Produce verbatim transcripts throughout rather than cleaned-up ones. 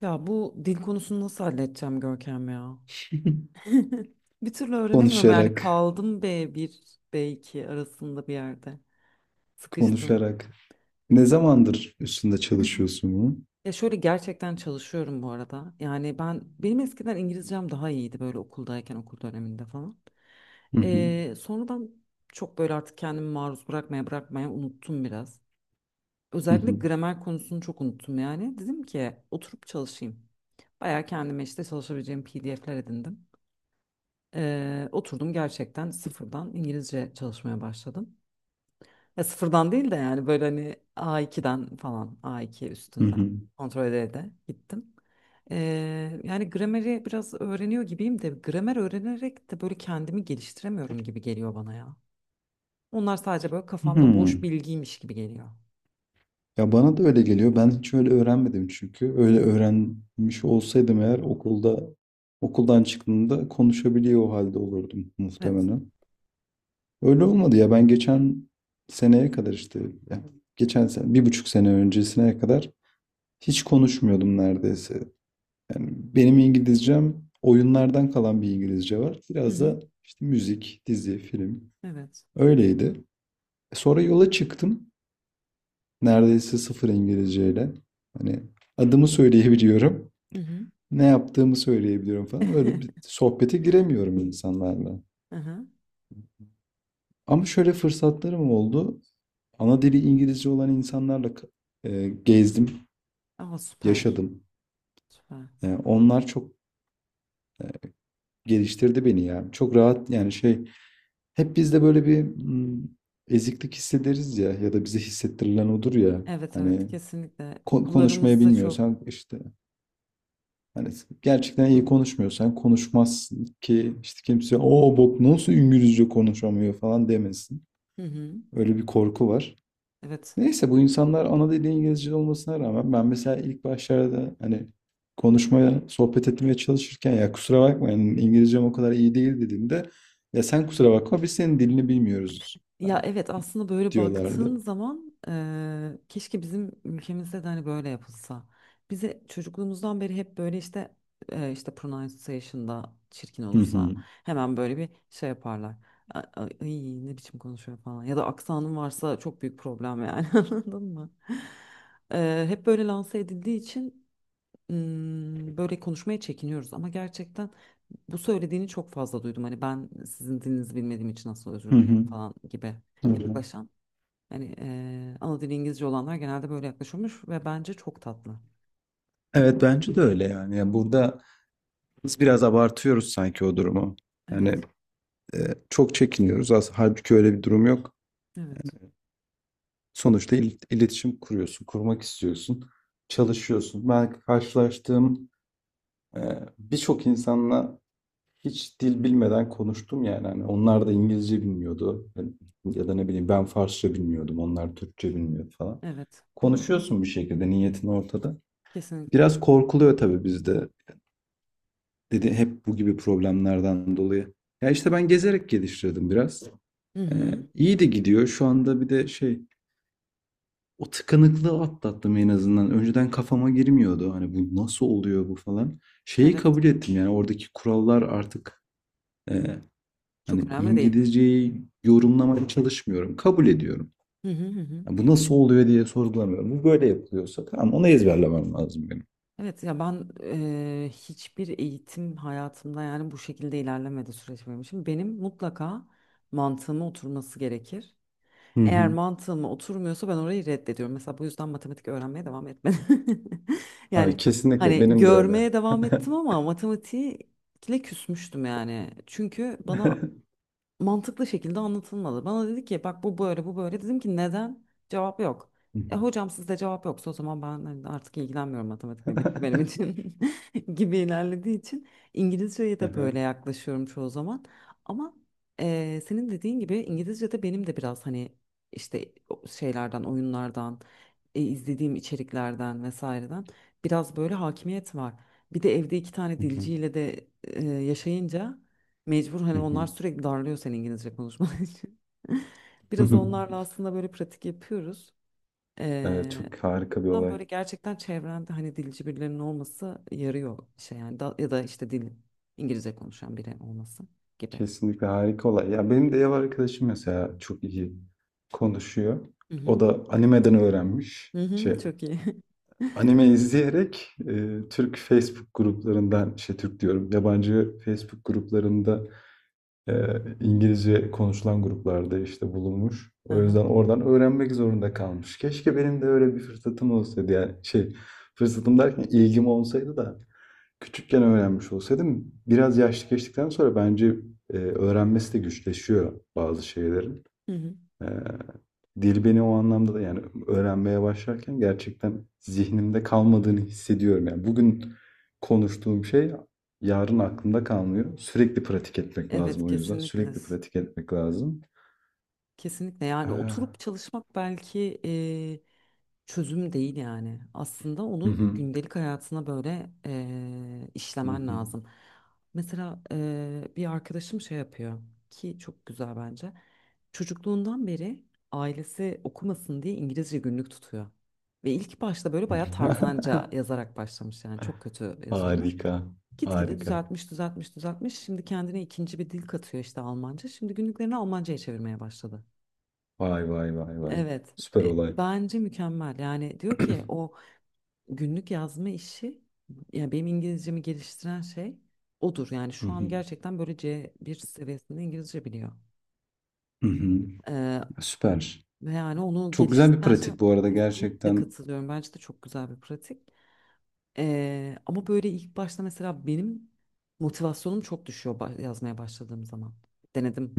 Ya bu dil konusunu nasıl halledeceğim Görkem ya? Bir türlü öğrenemiyorum yani Konuşarak, kaldım b bir B iki arasında bir yerde. Sıkıştım. konuşarak. Ne zamandır üstünde çalışıyorsun bunun? Ya şöyle gerçekten çalışıyorum bu arada. Yani ben benim eskiden İngilizcem daha iyiydi böyle okuldayken okul döneminde falan. Hı hı, Ee, sonradan çok böyle artık kendimi maruz bırakmaya bırakmaya unuttum biraz. hı Özellikle hı, gramer konusunu çok unuttum yani. Dedim ki oturup çalışayım. Bayağı kendime işte çalışabileceğim P D F'ler edindim. Ee, oturdum gerçekten sıfırdan İngilizce çalışmaya başladım. Ya sıfırdan değil de yani böyle hani A ikiden falan A iki hı üstünden hı. kontrol ede de gittim. Ee, yani grameri biraz öğreniyor gibiyim de gramer öğrenerek de böyle kendimi geliştiremiyorum gibi geliyor bana ya. Onlar sadece böyle kafamda boş Hmm. bilgiymiş gibi geliyor. Ya bana da öyle geliyor. Ben hiç öyle öğrenmedim çünkü. Öyle öğrenmiş olsaydım eğer okulda okuldan çıktığımda konuşabiliyor o halde olurdum Evet. muhtemelen. Öyle olmadı ya. Ben geçen seneye kadar işte ya geçen sene, bir buçuk sene öncesine kadar hiç konuşmuyordum neredeyse. Yani benim İngilizcem oyunlardan kalan bir İngilizce var. Hı Biraz hı. da işte müzik, dizi, film. Evet. Öyleydi. E, Sonra yola çıktım. Neredeyse sıfır İngilizceyle. Hani adımı söyleyebiliyorum. Hı hı. Ne yaptığımı söyleyebiliyorum falan. Öyle bir sohbete giremiyorum insanlarla. Hı hı. Ama şöyle fırsatlarım oldu. Ana dili İngilizce olan insanlarla e, gezdim, Ama süper. yaşadım. Süper. E, onlar çok Geliştirdi beni ya. Çok rahat yani şey hep bizde böyle bir mm, eziklik hissederiz ya ya da bize hissettirilen odur ya. Evet, evet, Hani kesinlikle ko- konuşmayı okullarımızda çok. bilmiyorsan işte hani gerçekten iyi konuşmuyorsan konuşmazsın ki işte kimse o bok nasıl İngilizce konuşamıyor falan demesin. Hı hı. Öyle bir korku var. Evet. Neyse bu insanlar ana dili İngilizce olmasına rağmen ben mesela ilk başlarda hani konuşmaya, sohbet etmeye çalışırken ya kusura bakma yani İngilizcem o kadar iyi değil dediğimde ya sen kusura bakma biz senin dilini bilmiyoruz Ya yani evet aslında böyle diyorlardı. baktığın zaman eee, keşke bizim ülkemizde de hani böyle yapılsa. Bize çocukluğumuzdan beri hep böyle işte eee, işte pronunciation'da çirkin Hı olursa hı. hemen böyle bir şey yaparlar. A- a- Ay, ne biçim konuşuyor falan. Ya da aksanın varsa çok büyük problem yani anladın mı? Eee, hep böyle lanse edildiği için hmm, böyle konuşmaya çekiniyoruz ama gerçekten bu söylediğini çok fazla duydum. Hani ben sizin dilinizi bilmediğim için nasıl Hı özür dilerim hı. falan gibi Hı. yaklaşan. Hani eee ana dili İngilizce olanlar genelde böyle yaklaşıyormuş ve bence çok tatlı. Evet bence de öyle yani. Yani burada biz biraz abartıyoruz sanki o durumu. Yani Evet, e, çok çekiniyoruz. Aslında halbuki öyle bir durum yok. evet, Sonuçta il- iletişim kuruyorsun, kurmak istiyorsun, çalışıyorsun. Ben karşılaştığım Ee, birçok insanla hiç dil bilmeden konuştum yani. Hani onlar da İngilizce bilmiyordu. Ya da ne bileyim ben Farsça bilmiyordum. Onlar Türkçe bilmiyor falan. evet. Konuşuyorsun bir şekilde niyetin ortada. Kesinlikle. Biraz korkuluyor tabii bizde. Dedi hep bu gibi problemlerden dolayı. Ya işte ben gezerek geliştirdim biraz. Hı Ee, hı. iyi de gidiyor. Şu anda bir de şey o tıkanıklığı atlattım en azından. Önceden kafama girmiyordu. Hani bu nasıl oluyor bu falan. Şeyi Evet. kabul ettim yani oradaki kurallar artık e, Hani Çok önemli değil. İngilizceyi yorumlamaya çalışmıyorum. Kabul ediyorum. Hı hı hı. Hı. Ya bu nasıl oluyor diye sorgulamıyorum. Bu böyle yapılıyorsa tamam onu ezberlemem lazım benim. Evet ya ben eee, hiçbir eğitim hayatımda yani bu şekilde ilerlemedi süreç benim için. Benim mutlaka mantığıma oturması gerekir. Hı Eğer hı. mantığıma oturmuyorsa ben orayı reddediyorum. Mesela bu yüzden matematik öğrenmeye devam etmedim. Ay, Yani kesinlikle hani benim de öyle. görmeye devam ettim ama matematiğe küsmüştüm yani. Çünkü bana mantıklı şekilde anlatılmadı. Bana dedi ki bak bu böyle bu böyle. Dedim ki neden? Cevap yok. E hocam sizde cevap yoksa o zaman ben hani artık ilgilenmiyorum matematikle bitti benim için gibi ilerlediği için İngilizceye de böyle yaklaşıyorum çoğu zaman. Ama e, senin dediğin gibi İngilizce'de benim de biraz hani işte o şeylerden oyunlardan e, izlediğim içeriklerden vesaireden biraz böyle hakimiyet var. Bir de evde iki tane dilciyle de e, yaşayınca mecbur hani onlar sürekli darlıyor senin İngilizce konuşman için. Biraz onlarla aslında böyle pratik yapıyoruz. Evet, Ee, çok harika bir Ben olay. böyle gerçekten çevrende hani dilci birilerinin olması yarıyor şey yani da, ya da işte dil İngilizce konuşan biri olması gibi. Kesinlikle harika olay. Ya benim de ev arkadaşım mesela çok iyi konuşuyor. Hı O hı. da animeden öğrenmiş. Hı hı, Şey çok iyi. Anime izleyerek e, Türk Facebook gruplarından, şey Türk diyorum, yabancı Facebook gruplarında e, İngilizce konuşulan gruplarda işte bulunmuş. O Aha. yüzden oradan öğrenmek zorunda kalmış. Keşke benim de öyle bir fırsatım olsaydı. Yani şey, fırsatım derken ilgim olsaydı da küçükken öğrenmiş olsaydım. Biraz yaşlı geçtikten sonra bence e, öğrenmesi de güçleşiyor bazı şeylerin. Hı hı. Ee, Dil beni o anlamda da yani öğrenmeye başlarken gerçekten zihnimde kalmadığını hissediyorum. Yani bugün konuştuğum şey yarın aklımda kalmıyor. Sürekli pratik etmek lazım Evet, o yüzden. kesinlikle. Sürekli pratik etmek lazım. Kesinlikle yani oturup Ee, çalışmak belki eee, çözüm değil yani. Aslında hı onu hı, gündelik hayatına böyle eee, hı işlemen hı. lazım. Mesela eee, bir arkadaşım şey yapıyor ki çok güzel bence. Çocukluğundan beri ailesi okumasın diye İngilizce günlük tutuyor. Ve ilk başta böyle hı bayağı hı. tarzanca yazarak başlamış yani çok kötü yazıyormuş. Harika. Gitgide Harika. düzeltmiş, düzeltmiş, düzeltmiş. Şimdi kendine ikinci bir dil katıyor işte Almanca. Şimdi günlüklerini Almanca'ya çevirmeye başladı. Vay vay vay vay. Evet, Süper e, olay. bence mükemmel. Yani diyor ki o günlük yazma işi, ya benim İngilizcemi geliştiren şey odur. Yani Hı şu an hı, gerçekten böyle c bir seviyesinde İngilizce biliyor. hı hı. Ee, Süper. Ve yani onu Çok güzel bir geliştiren şey pratik bu arada kesinlikle gerçekten. katılıyorum. Bence de çok güzel bir pratik. Ee, ama böyle ilk başta mesela benim motivasyonum çok düşüyor ba- yazmaya başladığım zaman.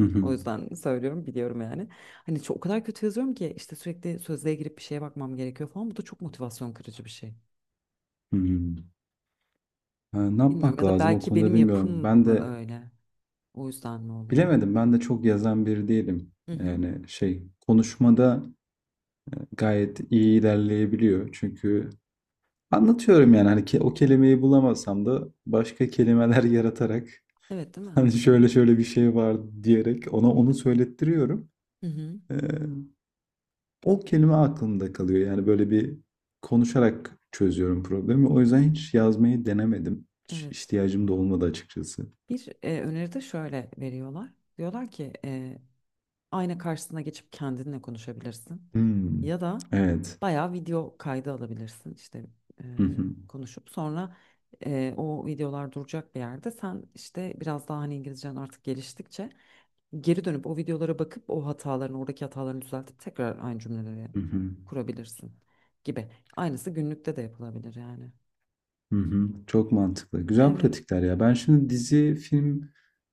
Hı hı, O yüzden söylüyorum, biliyorum yani. Hani çok, o kadar kötü yazıyorum ki işte sürekli sözlüğe girip bir şeye bakmam gerekiyor falan. Bu da çok motivasyon kırıcı bir şey. hı hı. Ha, ne Bilmiyorum yapmak ya da lazım o belki konuda benim bilmiyorum. yapım Ben mı de öyle? O yüzden mi oluyor? bilemedim. Ben de çok yazan biri değilim. Hı hı. Yani şey konuşmada gayet iyi ilerleyebiliyor. Çünkü anlatıyorum yani hani ke- o kelimeyi bulamasam da başka kelimeler yaratarak Evet, değil mi? hani şöyle şöyle bir şey var diyerek ona onu söylettiriyorum. Hı hı. Ee, O kelime aklımda kalıyor. Yani böyle bir konuşarak çözüyorum problemi. O yüzden hiç yazmayı denemedim. Hiç Evet. ihtiyacım da olmadı açıkçası. Bir e, öneri de şöyle veriyorlar. Diyorlar ki ayna karşısına geçip kendinle konuşabilirsin. Hmm, Ya da evet. bayağı video kaydı alabilirsin. İşte e, Hı hı. konuşup sonra e, o videolar duracak bir yerde sen işte biraz daha hani İngilizcen artık geliştikçe geri dönüp o videolara bakıp o hatalarını oradaki hatalarını düzeltip tekrar aynı cümleleri Hı hı. kurabilirsin gibi. Aynısı günlükte de yapılabilir yani. Hı hı. Çok mantıklı. Güzel Evet. pratikler ya. Ben şimdi dizi, film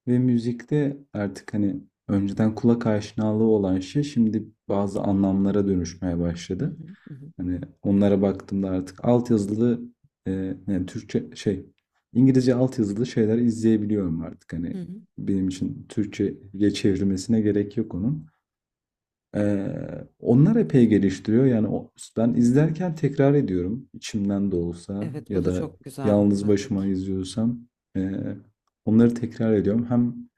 ve müzikte artık hani önceden kulak aşinalığı olan şey şimdi bazı anlamlara dönüşmeye Hı başladı. hı, hı hı, Hani onlara baktığımda artık altyazılı e, yani Türkçe şey İngilizce altyazılı şeyler izleyebiliyorum artık. hı Hani hı. benim için Türkçe'ye çevrilmesine gerek yok onun. Eee, onlar epey geliştiriyor. Yani o, ben izlerken tekrar ediyorum. İçimden de olsa Evet, bu ya da da çok güzel bir yalnız başıma pratik. izliyorsam eee, onları tekrar ediyorum. Hem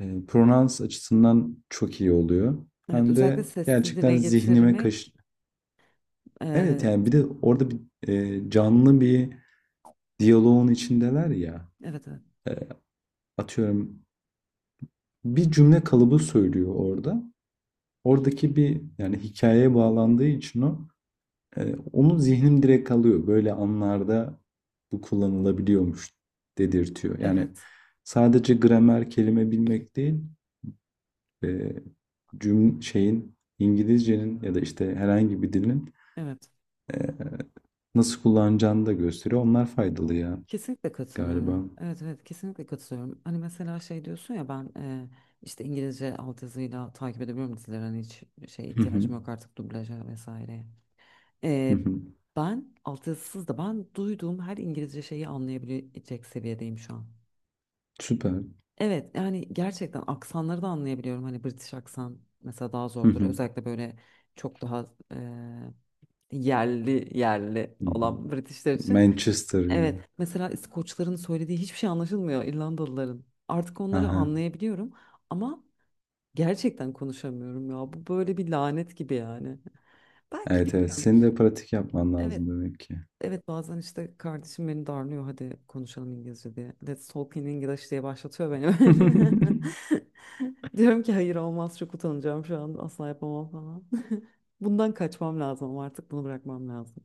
eee, pronans açısından çok iyi oluyor. Evet, Hem de özellikle sesli gerçekten dile zihnime kaş... getirmek e, Evet yani bir de orada bir eee, canlı bir diyaloğun içindeler ya. evet, evet. Eee, Atıyorum bir cümle kalıbı söylüyor orada. Oradaki bir yani hikayeye bağlandığı için o Ee, onu zihnim direkt alıyor. Böyle anlarda bu kullanılabiliyormuş dedirtiyor. Yani Evet, sadece gramer kelime bilmek değil, e, cüm şeyin İngilizcenin ya da işte herhangi bir dilin evet. e, nasıl kullanacağını da gösteriyor. Onlar faydalı ya Kesinlikle galiba. katılıyorum. Evet, evet, kesinlikle katılıyorum. Hani mesela şey diyorsun ya ben e, işte İngilizce altyazıyla takip edebiliyorum dizileri. Hani hiç şey Hı hı, ihtiyacım yok artık dublaja vesaire. hı E, hı. Ben altyazısız da ben duyduğum her İngilizce şeyi anlayabilecek seviyedeyim şu an. Süper. Evet, yani gerçekten aksanları da anlayabiliyorum. Hani British aksan mesela daha Hı zordur. hı, Özellikle böyle çok daha e, yerli yerli hı hı. olan Britishler için. Manchester gibi. Evet, mesela İskoçların söylediği hiçbir şey anlaşılmıyor, İrlandalıların. Artık onları Aha. anlayabiliyorum ama gerçekten konuşamıyorum ya. Bu böyle bir lanet gibi yani. Belki Evet, evet. bilmiyorum. Senin de pratik yapman Evet, lazım demek ki. evet bazen işte kardeşim beni darlıyor hadi konuşalım İngilizce diye. Let's talk in English diye başlatıyor beni. Diyorum ki hayır olmaz çok utanacağım şu an asla yapamam falan. Bundan kaçmam lazım ama artık bunu bırakmam lazım.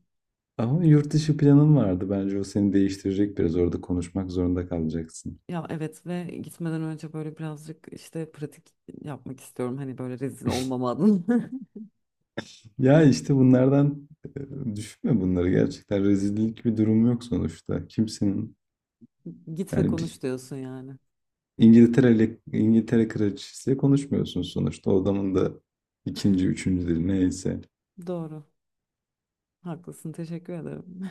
Ama yurt dışı planın vardı. Bence o seni değiştirecek biraz. Orada konuşmak zorunda kalacaksın. Ya evet ve gitmeden önce böyle birazcık işte pratik yapmak istiyorum. Hani böyle rezil olmama adına. Ya işte bunlardan e, düşünme bunları. Gerçekten rezillik bir durum yok sonuçta. Kimsenin Git ve yani konuş bir diyorsun yani. İngiltere ile İngiltere kraliçesiyle konuşmuyorsun sonuçta. O adamın da ikinci, üçüncü dili neyse. Doğru. Haklısın. Teşekkür ederim.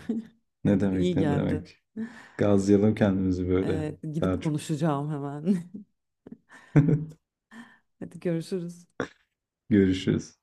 Ne İyi demek ne geldi. demek. Gazlayalım kendimizi böyle. Ee, gidip Daha çok konuşacağım hemen. Hadi görüşürüz. görüşürüz.